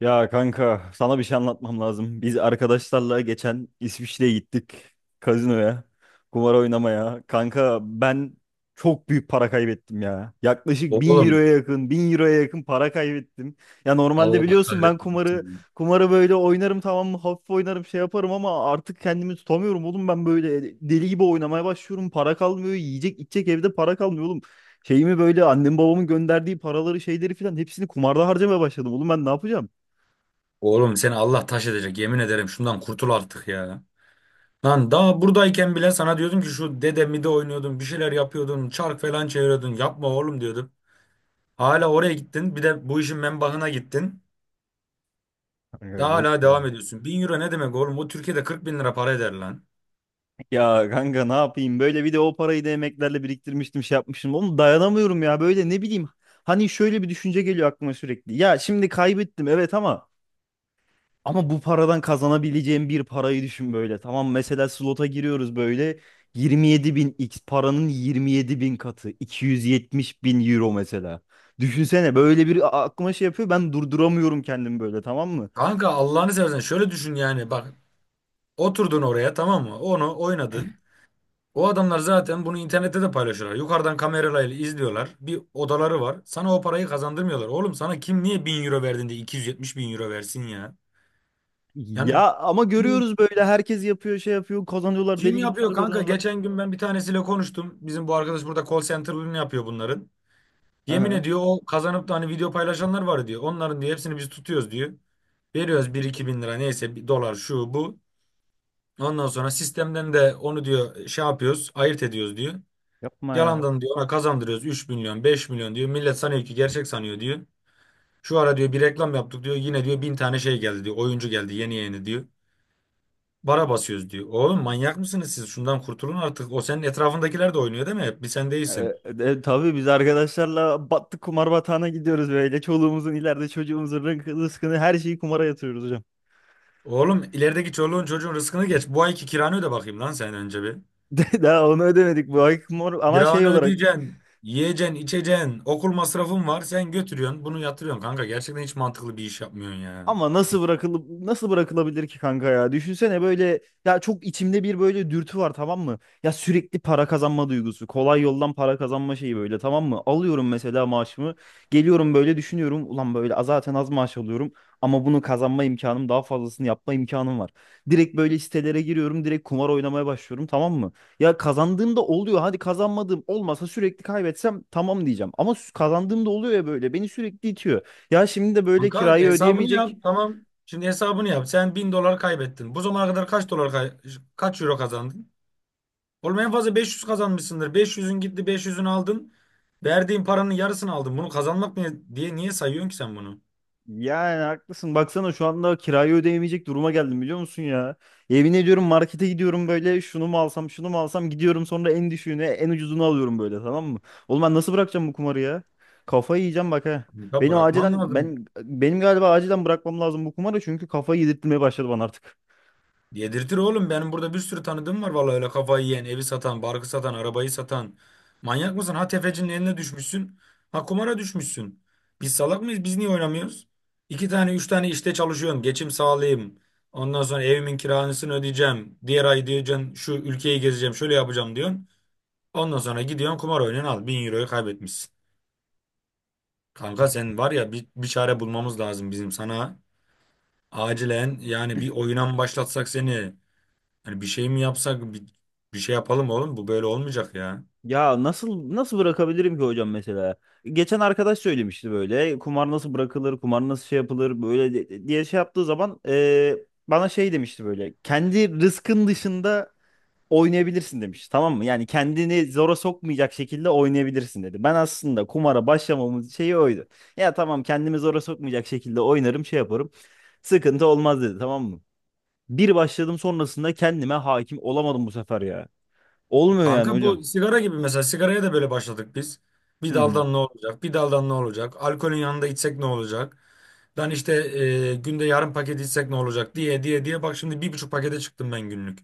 Ya kanka sana bir şey anlatmam lazım. Biz arkadaşlarla geçen İsviçre'ye gittik kazinoya, kumar oynamaya. Kanka ben çok büyük para kaybettim ya. Yaklaşık 1.000 euroya Oğlum, yakın, 1.000 euroya yakın para kaybettim. Ya normalde Allah biliyorsun ben kumarı kahretmesin. kumarı böyle oynarım, tamam mı? Hafif oynarım, şey yaparım ama artık kendimi tutamıyorum oğlum. Ben böyle deli gibi oynamaya başlıyorum. Para kalmıyor, yiyecek içecek evde para kalmıyor oğlum. Şeyimi böyle annem babamın gönderdiği paraları, şeyleri filan hepsini kumarda harcamaya başladım. Oğlum ben ne yapacağım? Oğlum, seni Allah taş edecek, yemin ederim, şundan kurtul artık ya. Lan daha buradayken bile sana diyordum ki şu dede mide oynuyordun, bir şeyler yapıyordun, çark falan çeviriyordun, yapma oğlum diyordum. Hala oraya gittin, bir de bu işin menbahına gittin. Kanka Daha yok hala ya. devam ediyorsun. Bin euro ne demek oğlum? Bu Türkiye'de 40 bin lira para eder lan. Ya kanka ne yapayım, böyle bir de o parayı da emeklerle biriktirmiştim, şey yapmışım. Oğlum dayanamıyorum ya böyle, ne bileyim. Hani şöyle bir düşünce geliyor aklıma sürekli. Ya şimdi kaybettim evet ama ama bu paradan kazanabileceğim bir parayı düşün böyle. Tamam, mesela slota giriyoruz böyle 27 bin x, paranın 27 bin katı, 270 bin euro mesela. Düşünsene, böyle bir aklıma şey yapıyor, ben durduramıyorum kendimi böyle, tamam mı? Kanka Allah'ını seversen şöyle düşün, yani bak, oturdun oraya tamam mı, onu oynadın. O adamlar zaten bunu internette de paylaşıyorlar. Yukarıdan kameralarıyla izliyorlar. Bir odaları var. Sana o parayı kazandırmıyorlar. Oğlum sana kim, niye 1.000 euro verdin de 270.000 euro versin ya? Yani Ya ama kim, görüyoruz böyle, herkes yapıyor, şey yapıyor, kazanıyorlar kim deli gibi, yapıyor para kanka? kazanıyorlar. Geçen gün ben bir tanesiyle konuştum. Bizim bu arkadaş burada call center'ını yapıyor bunların. Yemin Aha, ediyor, o kazanıp da hani video paylaşanlar var diyor. Onların diyor hepsini biz tutuyoruz diyor. Veriyoruz bir iki bin lira, neyse bir dolar, şu bu. Ondan sonra sistemden de onu diyor şey yapıyoruz, ayırt ediyoruz diyor. yapma ya. Yalandan diyor ona kazandırıyoruz 3 milyon 5 milyon diyor. Millet sanıyor ki, gerçek sanıyor diyor. Şu ara diyor bir reklam yaptık diyor. Yine diyor bin tane şey geldi diyor. Oyuncu geldi yeni yeni diyor. Bara basıyoruz diyor. Oğlum manyak mısınız siz? Şundan kurtulun artık. O senin etrafındakiler de oynuyor değil mi? Hep bir sen E, değilsin. Tabii biz arkadaşlarla battık kumar batağına, gidiyoruz böyle. Çoluğumuzun ileride çocuğumuzun rızkını, her şeyi kumara yatırıyoruz hocam. Oğlum, ilerideki çoluğun çocuğun rızkını geç. Bu ayki kiranı öde bakayım lan sen önce bir. Daha onu ödemedik bu ay, kumar ama şey Kiranı olarak. ödeyeceksin. Yiyeceksin, içeceksin. Okul masrafın var. Sen götürüyorsun. Bunu yatırıyorsun kanka. Gerçekten hiç mantıklı bir iş yapmıyorsun ya. Ama nasıl bırakılıp nasıl bırakılabilir ki kanka ya? Düşünsene böyle, ya çok içimde bir böyle dürtü var, tamam mı? Ya sürekli para kazanma duygusu, kolay yoldan para kazanma şeyi böyle, tamam mı? Alıyorum mesela maaşımı, geliyorum böyle düşünüyorum, ulan böyle zaten az maaş alıyorum ama bunu kazanma imkanım, daha fazlasını yapma imkanım var. Direkt böyle sitelere giriyorum, direkt kumar oynamaya başlıyorum, tamam mı? Ya kazandığımda oluyor. Hadi kazanmadığım olmasa, sürekli kaybetsem tamam diyeceğim. Ama kazandığımda oluyor ya böyle, beni sürekli itiyor. Ya şimdi de böyle Kanka kirayı hesabını yap. ödeyemeyecek. Tamam. Şimdi hesabını yap. Sen 1.000 dolar kaybettin. Bu zamana kadar kaç dolar kaç euro kazandın? Oğlum en fazla 500 kazanmışsındır. Beş yüzün gitti, 500'ünü aldın. Verdiğin paranın yarısını aldın. Bunu kazanmak ne diye, niye sayıyorsun ki sen bunu? Yani haklısın. Baksana şu anda kirayı ödeyemeyecek duruma geldim, biliyor musun ya? Yemin ediyorum, markete gidiyorum böyle, şunu mu alsam şunu mu alsam, gidiyorum sonra en düşüğünü, en ucuzunu alıyorum böyle, tamam mı? Oğlum ben nasıl bırakacağım bu kumarı ya? Kafayı yiyeceğim bak ha. Ya, Benim bırakman acilen, lazım. ben benim galiba acilen bırakmam lazım bu kumarı, çünkü kafayı yedirtmeye başladı bana artık. Yedirtir oğlum. Benim burada bir sürü tanıdığım var vallahi, öyle kafayı yiyen, evi satan, barkı satan, arabayı satan. Manyak mısın? Ha, tefecinin eline düşmüşsün. Ha, kumara düşmüşsün. Biz salak mıyız? Biz niye oynamıyoruz? İki tane, üç tane işte çalışıyorum. Geçim sağlayayım. Ondan sonra evimin kirasını ödeyeceğim. Diğer ay diyeceksin şu ülkeyi gezeceğim, şöyle yapacağım diyorsun. Ondan sonra gidiyorsun kumar oynuyorsun al. 1.000 euroyu kaybetmişsin. Kanka sen var ya, bir çare bulmamız lazım bizim sana. Acilen yani, bir oyuna mı başlatsak seni? Hani bir şey mi yapsak, bir şey yapalım oğlum, bu böyle olmayacak ya. Ya nasıl bırakabilirim ki hocam mesela? Geçen arkadaş söylemişti böyle, kumar nasıl bırakılır, kumar nasıl şey yapılır böyle diye şey yaptığı zaman, bana şey demişti böyle, kendi rızkın dışında oynayabilirsin demiş, tamam mı? Yani kendini zora sokmayacak şekilde oynayabilirsin dedi. Ben aslında kumara başlamamın şeyi oydu. Ya tamam, kendimi zora sokmayacak şekilde oynarım, şey yaparım, sıkıntı olmaz dedi, tamam mı? Bir başladım, sonrasında kendime hakim olamadım bu sefer ya. Olmuyor yani Kanka hocam. bu sigara gibi, mesela sigaraya da böyle başladık biz. Hı Bir hı. daldan ne olacak? Bir daldan ne olacak? Alkolün yanında içsek ne olacak? Lan işte günde yarım paket içsek ne olacak diye diye diye, bak şimdi bir buçuk pakete çıktım ben günlük.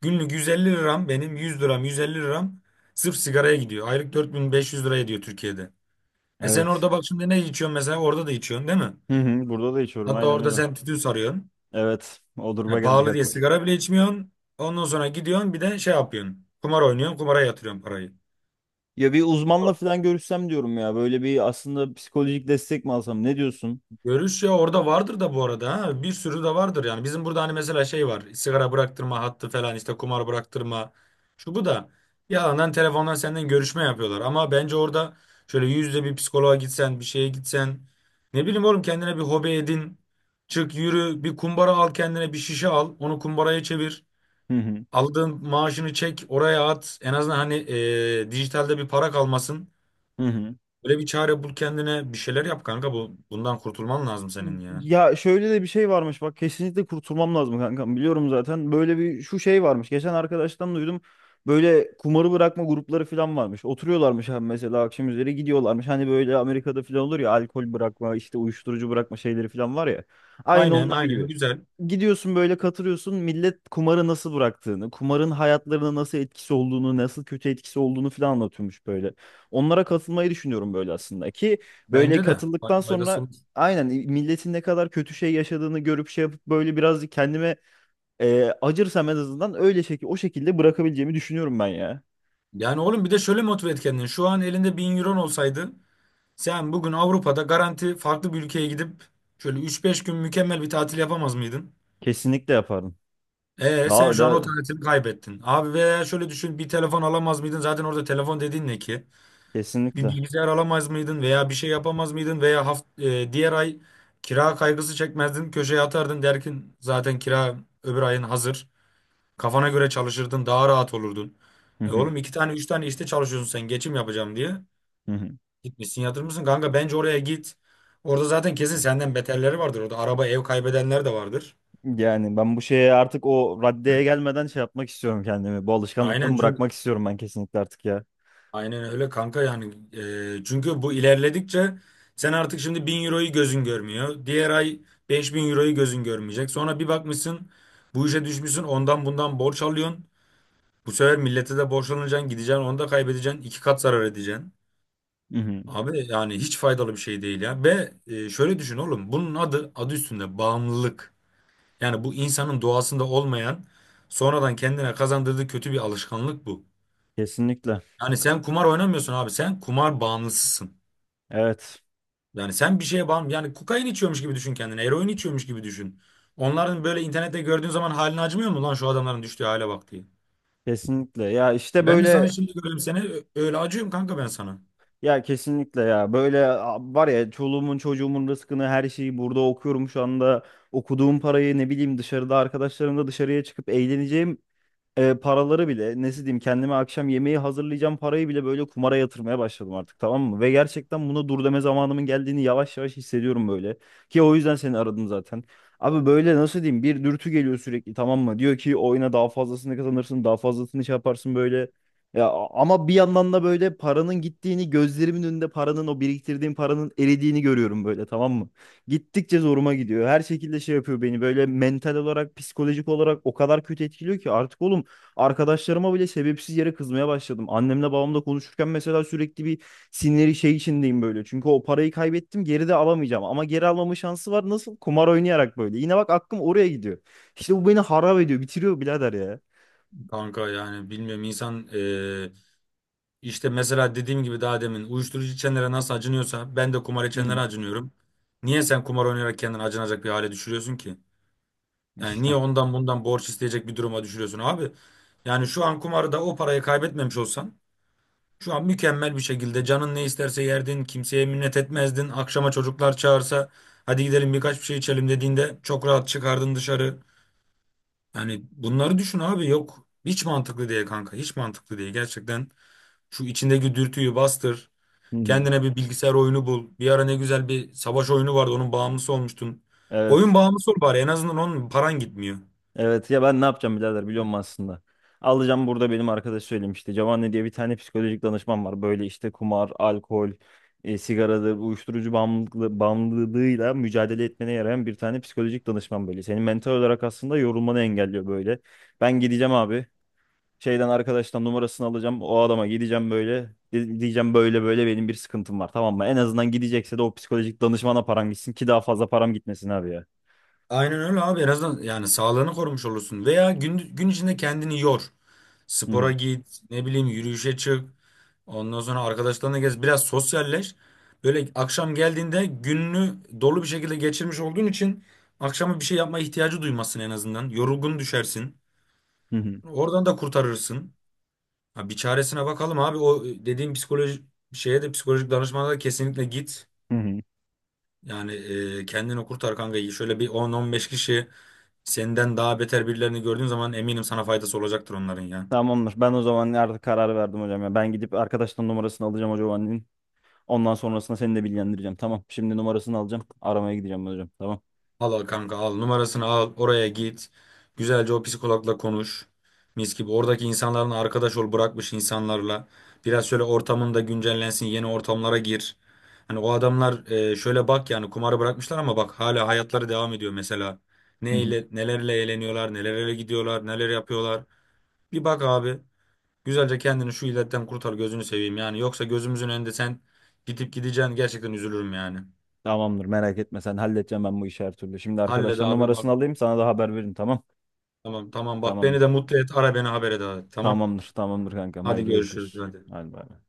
Günlük 150 liram, benim 100 liram, 150 liram sırf sigaraya gidiyor. Aylık 4500 lira ediyor Türkiye'de. E sen Evet. orada bak, şimdi ne içiyorsun mesela? Orada da içiyorsun değil mi? Hı hı, burada da içiyorum, Hatta aynen orada öyle. sen tütün sarıyorsun. Evet, o duruma Ya geldik pahalı diye artık. sigara bile içmiyorsun. Ondan sonra gidiyorsun bir de şey yapıyorsun. Kumar oynuyorsun, kumara yatırıyorsun parayı. Ya bir uzmanla falan görüşsem diyorum ya, böyle bir aslında psikolojik destek mi alsam, ne diyorsun? Görüş, ya orada vardır da bu arada ha. Bir sürü de vardır yani. Bizim burada hani mesela şey var. Sigara bıraktırma hattı falan, işte kumar bıraktırma. Şu bu da. Yalandan telefondan senden görüşme yapıyorlar. Ama bence orada şöyle yüzde bir psikoloğa gitsen, bir şeye gitsen. Ne bileyim oğlum, kendine bir hobi edin. Çık yürü, bir kumbara al kendine, bir şişe al. Onu kumbaraya çevir. Hı hı. Aldığın maaşını çek, oraya at. En azından hani dijitalde bir para kalmasın. Hı hı. Böyle bir çare bul kendine. Bir şeyler yap kanka. Bundan kurtulman lazım senin ya. Ya şöyle de bir şey varmış bak, kesinlikle kurtulmam lazım kankam, biliyorum zaten. Böyle bir şu şey varmış, geçen arkadaştan duydum, böyle kumarı bırakma grupları falan varmış, oturuyorlarmış abi, mesela akşam üzeri gidiyorlarmış, hani böyle Amerika'da falan olur ya alkol bırakma, işte uyuşturucu bırakma şeyleri falan var ya, aynı Aynen onlar aynen, gibi güzel. gidiyorsun böyle, katılıyorsun, millet kumarı nasıl bıraktığını, kumarın hayatlarına nasıl etkisi olduğunu, nasıl kötü etkisi olduğunu falan anlatıyormuş böyle. Onlara katılmayı düşünüyorum böyle aslında ki. Böyle Bence de katıldıktan faydası sonra olur. aynen milletin ne kadar kötü şey yaşadığını görüp, şey yapıp böyle biraz kendime acırsam en azından, öyle şekil, o şekilde bırakabileceğimi düşünüyorum ben ya. Yani oğlum, bir de şöyle motive et kendini. Şu an elinde 1.000 euron olsaydı sen bugün Avrupa'da garanti farklı bir ülkeye gidip şöyle üç beş gün mükemmel bir tatil yapamaz mıydın? Kesinlikle yaparım. E sen Daha şu an o da tatili kaybettin. Abi veya şöyle düşün, bir telefon alamaz mıydın? Zaten orada telefon dediğin ne ki? Bir kesinlikle. bilgisayar alamaz mıydın veya bir şey yapamaz mıydın veya diğer ay kira kaygısı çekmezdin, köşeye atardın, derkin zaten kira öbür ayın hazır, kafana göre çalışırdın, daha rahat olurdun. Hı E hı, oğlum, iki tane üç tane işte çalışıyorsun sen, geçim yapacağım diye hı hı. gitmişsin yatırmışsın kanka. Bence oraya git, orada zaten kesin senden beterleri vardır, orada araba ev kaybedenler de vardır. Yani ben bu şeye artık o raddeye gelmeden şey yapmak istiyorum kendimi. Bu Aynen alışkanlıktan çünkü bırakmak istiyorum ben kesinlikle artık ya. Aynen öyle kanka yani. Çünkü bu ilerledikçe sen artık şimdi 1.000 euroyu gözün görmüyor. Diğer ay 5.000 euroyu gözün görmeyecek. Sonra bir bakmışsın bu işe düşmüşsün, ondan bundan borç alıyorsun. Bu sefer millete de borçlanacaksın, gideceksin onu da kaybedeceksin, iki kat zarar edeceksin. Hı hı. Abi yani hiç faydalı bir şey değil ya. Ve şöyle düşün oğlum, bunun adı üstünde bağımlılık. Yani bu insanın doğasında olmayan, sonradan kendine kazandırdığı kötü bir alışkanlık bu. Kesinlikle. Yani sen kumar oynamıyorsun abi, sen kumar bağımlısısın. Evet. Yani sen bir şeye yani, kokain içiyormuş gibi düşün kendini. Eroin içiyormuş gibi düşün. Onların böyle internette gördüğün zaman halini acımıyor mu, lan şu adamların düştüğü hale bak diye. Kesinlikle. Ya işte Ben de sana böyle. şimdi göreyim seni, öyle acıyorum kanka ben sana. Ya kesinlikle ya. Böyle var ya, çoluğumun çocuğumun rızkını her şeyi burada okuyorum şu anda. Okuduğum parayı, ne bileyim, dışarıda arkadaşlarımla dışarıya çıkıp eğleneceğim paraları bile, nasıl diyeyim, kendime akşam yemeği hazırlayacağım parayı bile böyle kumara yatırmaya başladım artık, tamam mı? Ve gerçekten buna dur deme zamanımın geldiğini yavaş yavaş hissediyorum böyle. Ki o yüzden seni aradım zaten. Abi böyle nasıl diyeyim, bir dürtü geliyor sürekli, tamam mı? Diyor ki oyna, daha fazlasını kazanırsın, daha fazlasını şey yaparsın böyle. Ama bir yandan da böyle paranın gittiğini, gözlerimin önünde paranın, o biriktirdiğim paranın eridiğini görüyorum böyle, tamam mı? Gittikçe zoruma gidiyor. Her şekilde şey yapıyor beni, böyle mental olarak, psikolojik olarak o kadar kötü etkiliyor ki artık oğlum. Arkadaşlarıma bile sebepsiz yere kızmaya başladım. Annemle babamla konuşurken mesela sürekli bir sinirli şey içindeyim böyle. Çünkü o parayı kaybettim, geri de alamayacağım. Ama geri almama şansı var. Nasıl? Kumar oynayarak böyle. Yine bak, aklım oraya gidiyor. İşte bu beni harap ediyor. Bitiriyor birader ya. Kanka yani bilmiyorum insan, işte mesela dediğim gibi, daha demin uyuşturucu içenlere nasıl acınıyorsa, ben de kumar Hı içenlere hı. acınıyorum. Niye sen kumar oynayarak kendini acınacak bir hale düşürüyorsun ki? Yani niye İşte. ondan bundan borç isteyecek bir duruma düşürüyorsun abi? Yani şu an kumarda o parayı kaybetmemiş olsan, şu an mükemmel bir şekilde canın ne isterse yerdin, kimseye minnet etmezdin. Akşama çocuklar çağırsa, hadi gidelim birkaç bir şey içelim dediğinde çok rahat çıkardın dışarı. Yani bunları düşün abi, yok hiç mantıklı değil kanka, hiç mantıklı değil. Gerçekten şu içindeki dürtüyü bastır. Hı hı. Kendine bir bilgisayar oyunu bul. Bir ara ne güzel bir savaş oyunu vardı, onun bağımlısı olmuştun. Oyun Evet. bağımlısı ol bari, en azından onun paran gitmiyor. Evet ya, ben ne yapacağım birader, biliyor musun aslında? Alacağım burada, benim arkadaş söylemişti. Giovanni diye bir tane psikolojik danışman var. Böyle işte kumar, alkol, sigaradır, uyuşturucu bağımlılığı, bağımlılığıyla mücadele etmene yarayan bir tane psikolojik danışman böyle. Senin mental olarak aslında yorulmanı engelliyor böyle. Ben gideceğim abi. Şeyden, arkadaştan numarasını alacağım. O adama gideceğim böyle. Diyeceğim böyle, böyle benim bir sıkıntım var, tamam mı? En azından gidecekse de o psikolojik danışmana param gitsin ki daha fazla param gitmesin abi ya. Aynen öyle abi, en azından yani sağlığını korumuş olursun. Veya gün içinde kendini yor. Hı Spora hı. git, ne bileyim yürüyüşe çık. Ondan sonra arkadaşlarına gez, biraz sosyalleş. Böyle akşam geldiğinde gününü dolu bir şekilde geçirmiş olduğun için akşama bir şey yapma ihtiyacı duymazsın en azından. Yorgun düşersin. Hı hı. Oradan da kurtarırsın. Ha, bir çaresine bakalım abi. O dediğim psikoloji şeye de, psikolojik danışmana da kesinlikle git. Hı hı. Yani kendini kurtar kanka. Şöyle bir 10-15 kişi, senden daha beter birilerini gördüğün zaman eminim sana faydası olacaktır onların ya. Tamamdır. Ben o zaman artık karar verdim hocam ya. Ben gidip arkadaştan numarasını alacağım hocam annenin. Ondan sonrasında seni de bilgilendireceğim. Tamam. Şimdi numarasını alacağım. Aramaya gideceğim hocam. Tamam. Al al kanka, al numarasını, al oraya git. Güzelce o psikologla konuş. Mis gibi oradaki insanların arkadaş ol, bırakmış insanlarla. Biraz şöyle ortamın da güncellensin, yeni ortamlara gir. Hani o adamlar, şöyle bak, yani kumarı bırakmışlar ama bak hala hayatları devam ediyor mesela. Hı hı. Neyle, nelerle eğleniyorlar, nelerle gidiyorlar, neler yapıyorlar. Bir bak abi. Güzelce kendini şu illetten kurtar, gözünü seveyim yani. Yoksa gözümüzün önünde sen gidip gideceksin, gerçekten üzülürüm yani. Tamamdır. Merak etme sen. Halledeceğim ben bu işi her türlü. Şimdi Hallet arkadaştan abi bak. numarasını alayım. Sana da haber veririm. Tamam. Tamam tamam, bak beni Tamamdır. de mutlu et, ara beni, haber et abi. Tamam, Tamamdır. Tamamdır kankam. hadi Haydi görüşürüz görüşürüz. hadi. Hadi bay bay.